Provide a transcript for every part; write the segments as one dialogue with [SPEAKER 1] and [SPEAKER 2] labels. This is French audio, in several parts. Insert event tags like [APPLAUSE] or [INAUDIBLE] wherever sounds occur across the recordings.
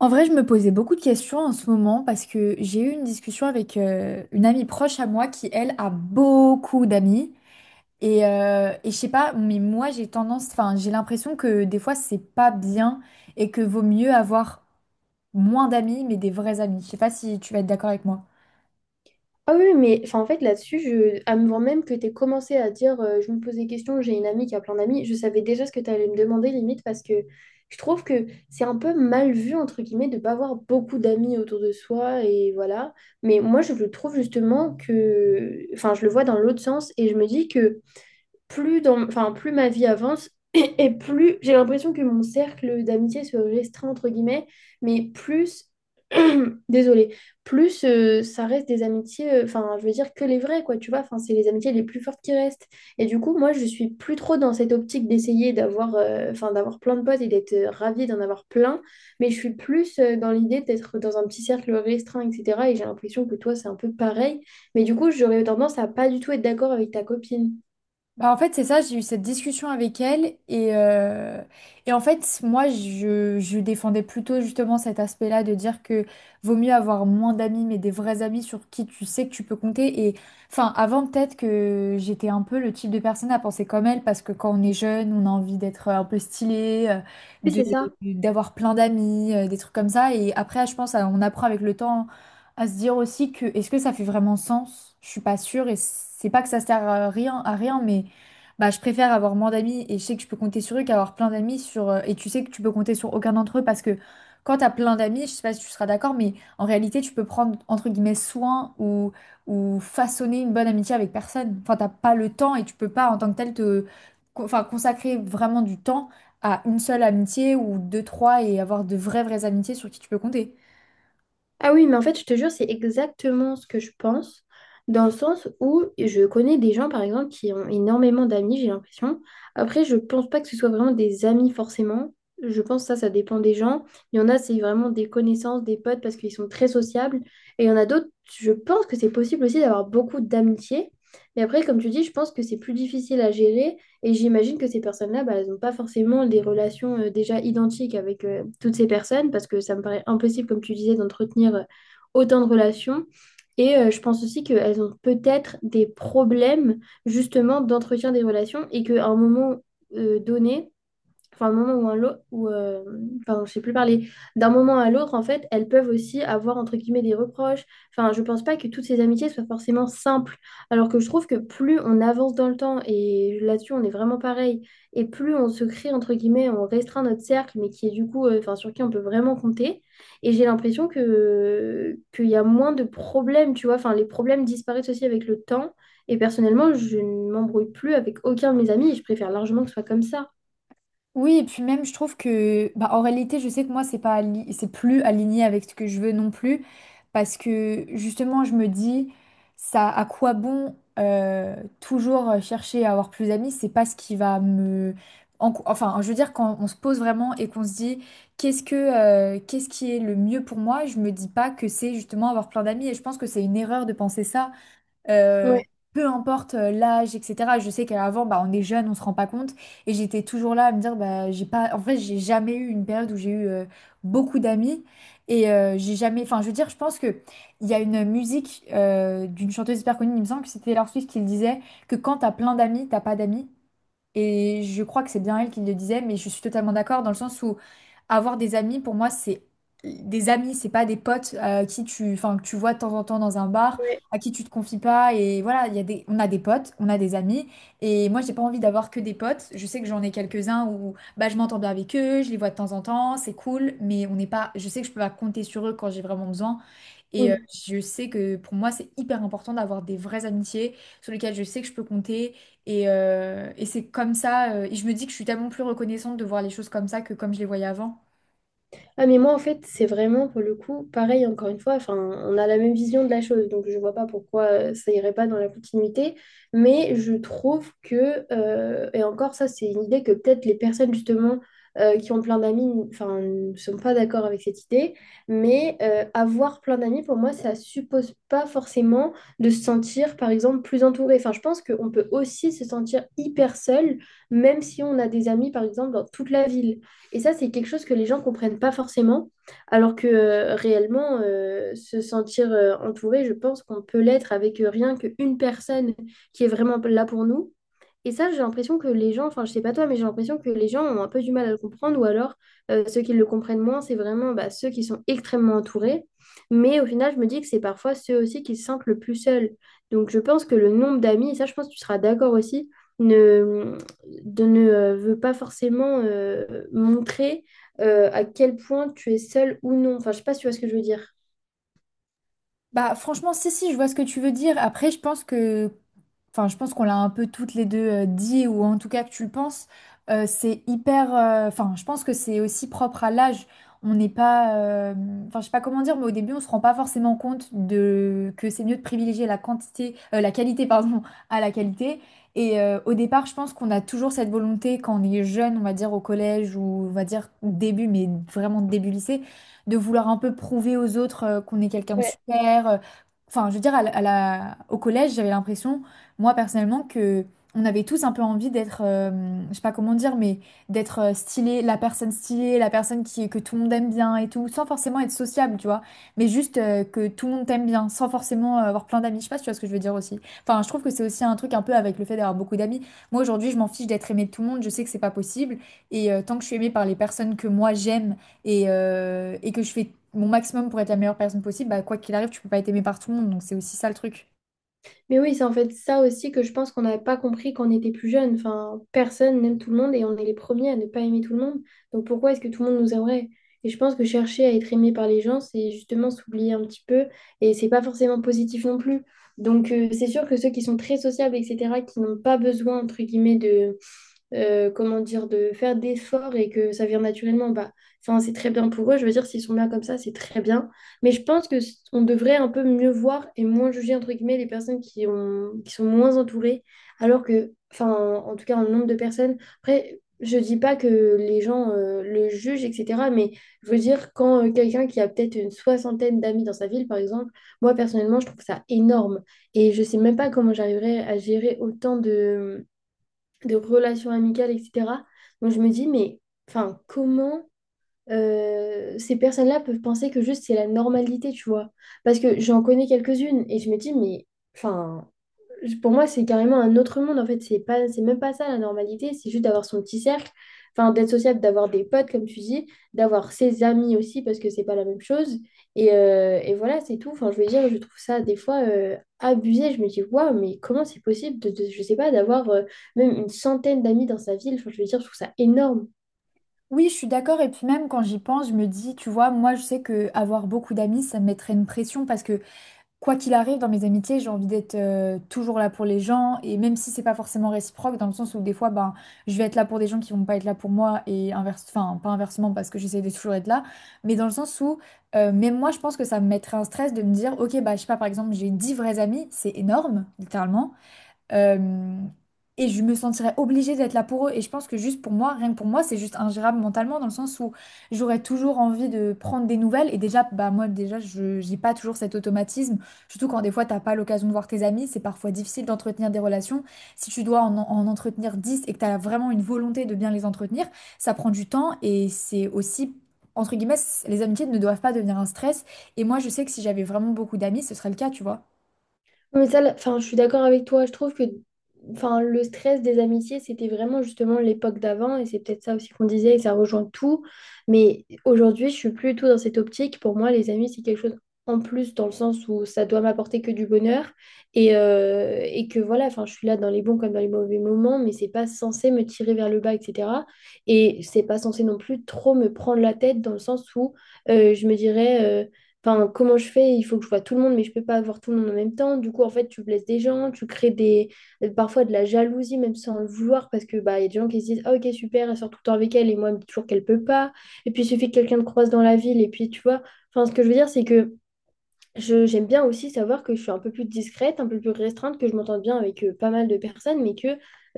[SPEAKER 1] En vrai, je me posais beaucoup de questions en ce moment parce que j'ai eu une discussion avec une amie proche à moi qui, elle, a beaucoup d'amis. Et je sais pas, mais moi, j'ai tendance, enfin, j'ai l'impression que des fois, c'est pas bien et que vaut mieux avoir moins d'amis, mais des vrais amis. Je sais pas si tu vas être d'accord avec moi.
[SPEAKER 2] Ah oui, mais enfin, en fait, là-dessus, avant même que tu aies commencé à dire je me pose des questions, j'ai une amie qui a plein d'amis, je savais déjà ce que tu allais me demander limite parce que je trouve que c'est un peu mal vu, entre guillemets, de ne pas avoir beaucoup d'amis autour de soi et voilà. Mais moi, je le trouve justement que. Enfin, je le vois dans l'autre sens et je me dis que enfin, plus ma vie avance [CLEARS THROAT] et, plus j'ai l'impression que mon cercle d'amitié se restreint entre guillemets, mais plus, [CLEARS THROAT] désolée, plus ça reste des amitiés, enfin, je veux dire que les vraies quoi, tu vois, enfin, c'est les amitiés les plus fortes qui restent. Et du coup, moi, je suis plus trop dans cette optique d'essayer d'avoir plein de potes et d'être ravie d'en avoir plein, mais je suis plus dans l'idée d'être dans un petit cercle restreint, etc. Et j'ai l'impression que toi, c'est un peu pareil. Mais du coup, j'aurais tendance à pas du tout être d'accord avec ta copine.
[SPEAKER 1] Bah, en fait, c'est ça, j'ai eu cette discussion avec elle et en fait, moi, je défendais plutôt justement cet aspect-là de dire que vaut mieux avoir moins d'amis, mais des vrais amis sur qui tu sais que tu peux compter. Et enfin, avant, peut-être que j'étais un peu le type de personne à penser comme elle, parce que quand on est jeune, on a envie d'être un peu stylé,
[SPEAKER 2] Oui,
[SPEAKER 1] de,
[SPEAKER 2] c'est ça.
[SPEAKER 1] d'avoir plein d'amis, des trucs comme ça. Et après, je pense, on apprend avec le temps à se dire aussi que est-ce que ça fait vraiment sens? Je suis pas sûre et c'est pas que ça sert à rien, mais. Bah, je préfère avoir moins d'amis et je sais que je peux compter sur eux qu'avoir plein d'amis sur et tu sais que tu peux compter sur aucun d'entre eux parce que quand t'as plein d'amis, je sais pas si tu seras d'accord, mais en réalité tu peux prendre entre guillemets soin ou façonner une bonne amitié avec personne. Enfin, t'as pas le temps et tu peux pas en tant que tel te consacrer vraiment du temps à une seule amitié ou deux, trois et avoir de vraies vraies amitiés sur qui tu peux compter.
[SPEAKER 2] Ah oui, mais en fait, je te jure, c'est exactement ce que je pense, dans le sens où je connais des gens, par exemple, qui ont énormément d'amis, j'ai l'impression. Après, je pense pas que ce soit vraiment des amis forcément. Je pense que ça dépend des gens. Il y en a, c'est vraiment des connaissances, des potes, parce qu'ils sont très sociables. Et il y en a d'autres, je pense que c'est possible aussi d'avoir beaucoup d'amitié. Mais après, comme tu dis, je pense que c'est plus difficile à gérer. Et j'imagine que ces personnes-là, bah, elles n'ont pas forcément des relations déjà identiques avec toutes ces personnes, parce que ça me paraît impossible, comme tu disais, d'entretenir autant de relations. Et je pense aussi qu'elles ont peut-être des problèmes justement d'entretien des relations et qu'à un moment donné, enfin, un moment ou un l'autre, ou, enfin, je sais plus parler, d'un moment à l'autre, en fait, elles peuvent aussi avoir, entre guillemets, des reproches. Enfin, je pense pas que toutes ces amitiés soient forcément simples, alors que je trouve que plus on avance dans le temps, et là-dessus, on est vraiment pareil, et plus on se crée, entre guillemets, on restreint notre cercle, mais qui est du coup, enfin, sur qui on peut vraiment compter. Et j'ai l'impression que qu'il y a moins de problèmes, tu vois, enfin, les problèmes disparaissent aussi avec le temps. Et personnellement, je ne m'embrouille plus avec aucun de mes amis et je préfère largement que ce soit comme ça.
[SPEAKER 1] Oui, et puis même, je trouve que, bah, en réalité, je sais que moi, c'est pas, c'est plus aligné avec ce que je veux non plus, parce que justement, je me dis, ça, à quoi bon euh, toujours chercher à avoir plus d'amis, c'est pas ce qui va me, enfin, je veux dire, quand on se pose vraiment et qu'on se dit, qu'est-ce que, qu'est-ce qui est le mieux pour moi, je me dis pas que c'est justement avoir plein d'amis, et je pense que c'est une erreur de penser ça. Euh,
[SPEAKER 2] Ouais,
[SPEAKER 1] Peu importe l'âge, etc. Je sais qu'avant, bah, on est jeune, on se rend pas compte. Et j'étais toujours là à me dire, bah, j'ai pas... En vrai, j'ai jamais eu une période où j'ai eu beaucoup d'amis. Et j'ai jamais... Enfin, je veux dire, je pense que il y a une musique d'une chanteuse hyper connue, il me semble que c'était Taylor Swift qui le disait, que quand t'as plein d'amis, t'as pas d'amis. Et je crois que c'est bien elle qui le disait, mais je suis totalement d'accord dans le sens où avoir des amis, pour moi, c'est des amis, c'est pas des potes qui tu, enfin, que tu vois de temps en temps dans un bar,
[SPEAKER 2] ouais.
[SPEAKER 1] à qui tu te confies pas. Et voilà, il y a des, on a des potes, on a des amis. Et moi, j'ai pas envie d'avoir que des potes. Je sais que j'en ai quelques-uns où bah, je m'entends bien avec eux, je les vois de temps en temps, c'est cool, mais on n'est pas, je sais que je peux pas compter sur eux quand j'ai vraiment besoin. Et
[SPEAKER 2] Oui.
[SPEAKER 1] je sais que pour moi, c'est hyper important d'avoir des vraies amitiés sur lesquelles je sais que je peux compter. Et c'est comme ça. Et je me dis que je suis tellement plus reconnaissante de voir les choses comme ça que comme je les voyais avant.
[SPEAKER 2] Ah, mais moi, en fait, c'est vraiment, pour le coup, pareil, encore une fois, enfin, on a la même vision de la chose, donc je vois pas pourquoi ça irait pas dans la continuité, mais je trouve que, et encore ça, c'est une idée que peut-être les personnes, justement, qui ont plein d'amis, enfin, ne sont pas d'accord avec cette idée, mais avoir plein d'amis, pour moi, ça suppose pas forcément de se sentir, par exemple, plus entouré. Enfin, je pense qu'on peut aussi se sentir hyper seul, même si on a des amis, par exemple, dans toute la ville. Et ça, c'est quelque chose que les gens comprennent pas forcément, alors que réellement, se sentir entouré, je pense qu'on peut l'être avec rien qu'une personne qui est vraiment là pour nous. Et ça, j'ai l'impression que les gens, enfin, je sais pas toi, mais j'ai l'impression que les gens ont un peu du mal à le comprendre, ou alors ceux qui le comprennent moins, c'est vraiment bah, ceux qui sont extrêmement entourés. Mais au final, je me dis que c'est parfois ceux aussi qui se sentent le plus seuls. Donc, je pense que le nombre d'amis, et ça, je pense que tu seras d'accord aussi, ne, ne veut pas forcément montrer à quel point tu es seul ou non. Enfin, je sais pas si tu vois ce que je veux dire.
[SPEAKER 1] Bah franchement, si, si, je vois ce que tu veux dire. Après, je pense que enfin, je pense qu'on l'a un peu toutes les deux dit, ou en tout cas que tu le penses, c'est hyper. Enfin, je pense que c'est aussi propre à l'âge. On n'est pas. Enfin, je sais pas comment dire, mais au début, on se rend pas forcément compte de que c'est mieux de privilégier la quantité, la qualité, pardon, à la qualité. Et au départ, je pense qu'on a toujours cette volonté quand on est jeune, on va dire au collège ou on va dire début, mais vraiment début lycée, de vouloir un peu prouver aux autres qu'on est quelqu'un de super. Enfin, je veux dire, au collège, j'avais l'impression moi personnellement, que on avait tous un peu envie d'être, je sais pas comment dire, mais d'être stylé, la personne stylée, la personne qui, que tout le monde aime bien et tout, sans forcément être sociable, tu vois, mais juste que tout le monde t'aime bien, sans forcément avoir plein d'amis. Je sais pas si tu vois ce que je veux dire aussi. Enfin, je trouve que c'est aussi un truc un peu avec le fait d'avoir beaucoup d'amis. Moi aujourd'hui, je m'en fiche d'être aimée de tout le monde, je sais que c'est pas possible, et tant que je suis aimée par les personnes que moi j'aime et que je fais mon maximum pour être la meilleure personne possible, bah, quoi qu'il arrive, tu peux pas être aimée par tout le monde, donc c'est aussi ça le truc.
[SPEAKER 2] Mais oui, c'est en fait ça aussi que je pense qu'on n'avait pas compris quand on était plus jeune. Enfin, personne n'aime tout le monde et on est les premiers à ne pas aimer tout le monde. Donc pourquoi est-ce que tout le monde nous aimerait? Et je pense que chercher à être aimé par les gens, c'est justement s'oublier un petit peu et c'est pas forcément positif non plus. Donc c'est sûr que ceux qui sont très sociables, etc., qui n'ont pas besoin, entre guillemets, de comment dire, de faire d'efforts et que ça vient naturellement, bah, enfin, c'est très bien pour eux. Je veux dire, s'ils sont bien comme ça, c'est très bien. Mais je pense que on devrait un peu mieux voir et moins juger, entre guillemets, les personnes qui ont, qui sont moins entourées, alors que, enfin, en, en tout cas, en nombre de personnes. Après, je dis pas que les gens le jugent, etc. Mais je veux dire, quand quelqu'un qui a peut-être une soixantaine d'amis dans sa ville, par exemple, moi, personnellement, je trouve ça énorme. Et je sais même pas comment j'arriverais à gérer autant de relations amicales, etc. Donc je me dis, mais enfin, comment ces personnes-là peuvent penser que juste c'est la normalité, tu vois? Parce que j'en connais quelques-unes et je me dis, mais enfin, pour moi, c'est carrément un autre monde. En fait, c'est pas, c'est même pas ça la normalité. C'est juste d'avoir son petit cercle, enfin, d'être sociable, d'avoir des potes, comme tu dis, d'avoir ses amis aussi, parce que c'est pas la même chose. Et voilà, c'est tout. Enfin, je veux dire, je trouve ça des fois abusé. Je me dis, waouh, mais comment c'est possible je sais pas, d'avoir même une centaine d'amis dans sa ville. Enfin, je veux dire, je trouve ça énorme.
[SPEAKER 1] Oui, je suis d'accord. Et puis même quand j'y pense, je me dis, tu vois, moi je sais que avoir beaucoup d'amis, ça me mettrait une pression parce que quoi qu'il arrive dans mes amitiés, j'ai envie d'être toujours là pour les gens. Et même si c'est pas forcément réciproque, dans le sens où des fois, ben, je vais être là pour des gens qui vont pas être là pour moi et inverse, enfin pas inversement parce que j'essaie de toujours être là, mais dans le sens où même moi, je pense que ça me mettrait un stress de me dire, ok, bah je sais pas, par exemple, j'ai 10 vrais amis, c'est énorme, littéralement. Euh, et je me sentirais obligée d'être là pour eux. Et je pense que juste pour moi, rien que pour moi, c'est juste ingérable mentalement dans le sens où j'aurais toujours envie de prendre des nouvelles. Et déjà, bah moi, déjà, je j'ai pas toujours cet automatisme. Surtout quand des fois, t'as pas l'occasion de voir tes amis, c'est parfois difficile d'entretenir des relations. Si tu dois en entretenir 10 et que t'as vraiment une volonté de bien les entretenir, ça prend du temps et c'est aussi... Entre guillemets, les amitiés ne doivent pas devenir un stress. Et moi, je sais que si j'avais vraiment beaucoup d'amis, ce serait le cas, tu vois.
[SPEAKER 2] Non, mais ça, là, enfin, je suis d'accord avec toi. Je trouve que enfin, le stress des amitiés, c'était vraiment justement l'époque d'avant. Et c'est peut-être ça aussi qu'on disait, et ça rejoint tout. Mais aujourd'hui, je suis plus du tout dans cette optique. Pour moi, les amis, c'est quelque chose en plus dans le sens où ça doit m'apporter que du bonheur. Et que voilà, enfin, je suis là dans les bons comme dans les mauvais moments, mais c'est pas censé me tirer vers le bas, etc. Et c'est pas censé non plus trop me prendre la tête dans le sens où je me dirais. Enfin, comment je fais? Il faut que je vois tout le monde, mais je peux pas voir tout le monde en même temps. Du coup, en fait, tu blesses des gens, tu crées des parfois de la jalousie, même sans le vouloir, parce que bah, il y a des gens qui se disent, Ah, ok, super, elle sort tout le temps avec elle, et moi, elle me dit toujours qu'elle peut pas. Et puis, il suffit que quelqu'un te croise dans la ville, et puis, tu vois. Enfin, ce que je veux dire, c'est que j'aime bien aussi savoir que je suis un peu plus discrète, un peu plus restreinte, que je m'entends bien avec pas mal de personnes, mais que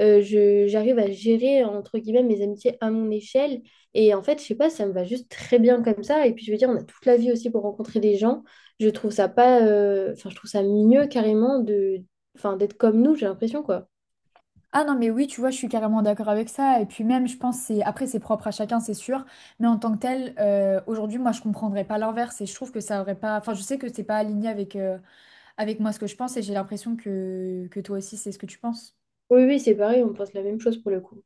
[SPEAKER 2] j'arrive à gérer, entre guillemets, mes amitiés à mon échelle. Et en fait, je sais pas, ça me va juste très bien comme ça. Et puis, je veux dire, on a toute la vie aussi pour rencontrer des gens. Je trouve ça pas, enfin, je trouve ça mieux carrément enfin, d'être comme nous, j'ai l'impression, quoi.
[SPEAKER 1] Ah non, mais oui, tu vois, je suis carrément d'accord avec ça. Et puis même, je pense, c'est après, c'est propre à chacun, c'est sûr. Mais en tant que tel, aujourd'hui, moi, je comprendrais pas l'inverse et je trouve que ça aurait pas. Enfin, je sais que c'est pas aligné avec, avec moi ce que je pense et j'ai l'impression que toi aussi, c'est ce que tu penses.
[SPEAKER 2] Oui, oui, c'est pareil, on pense la même chose pour le coup.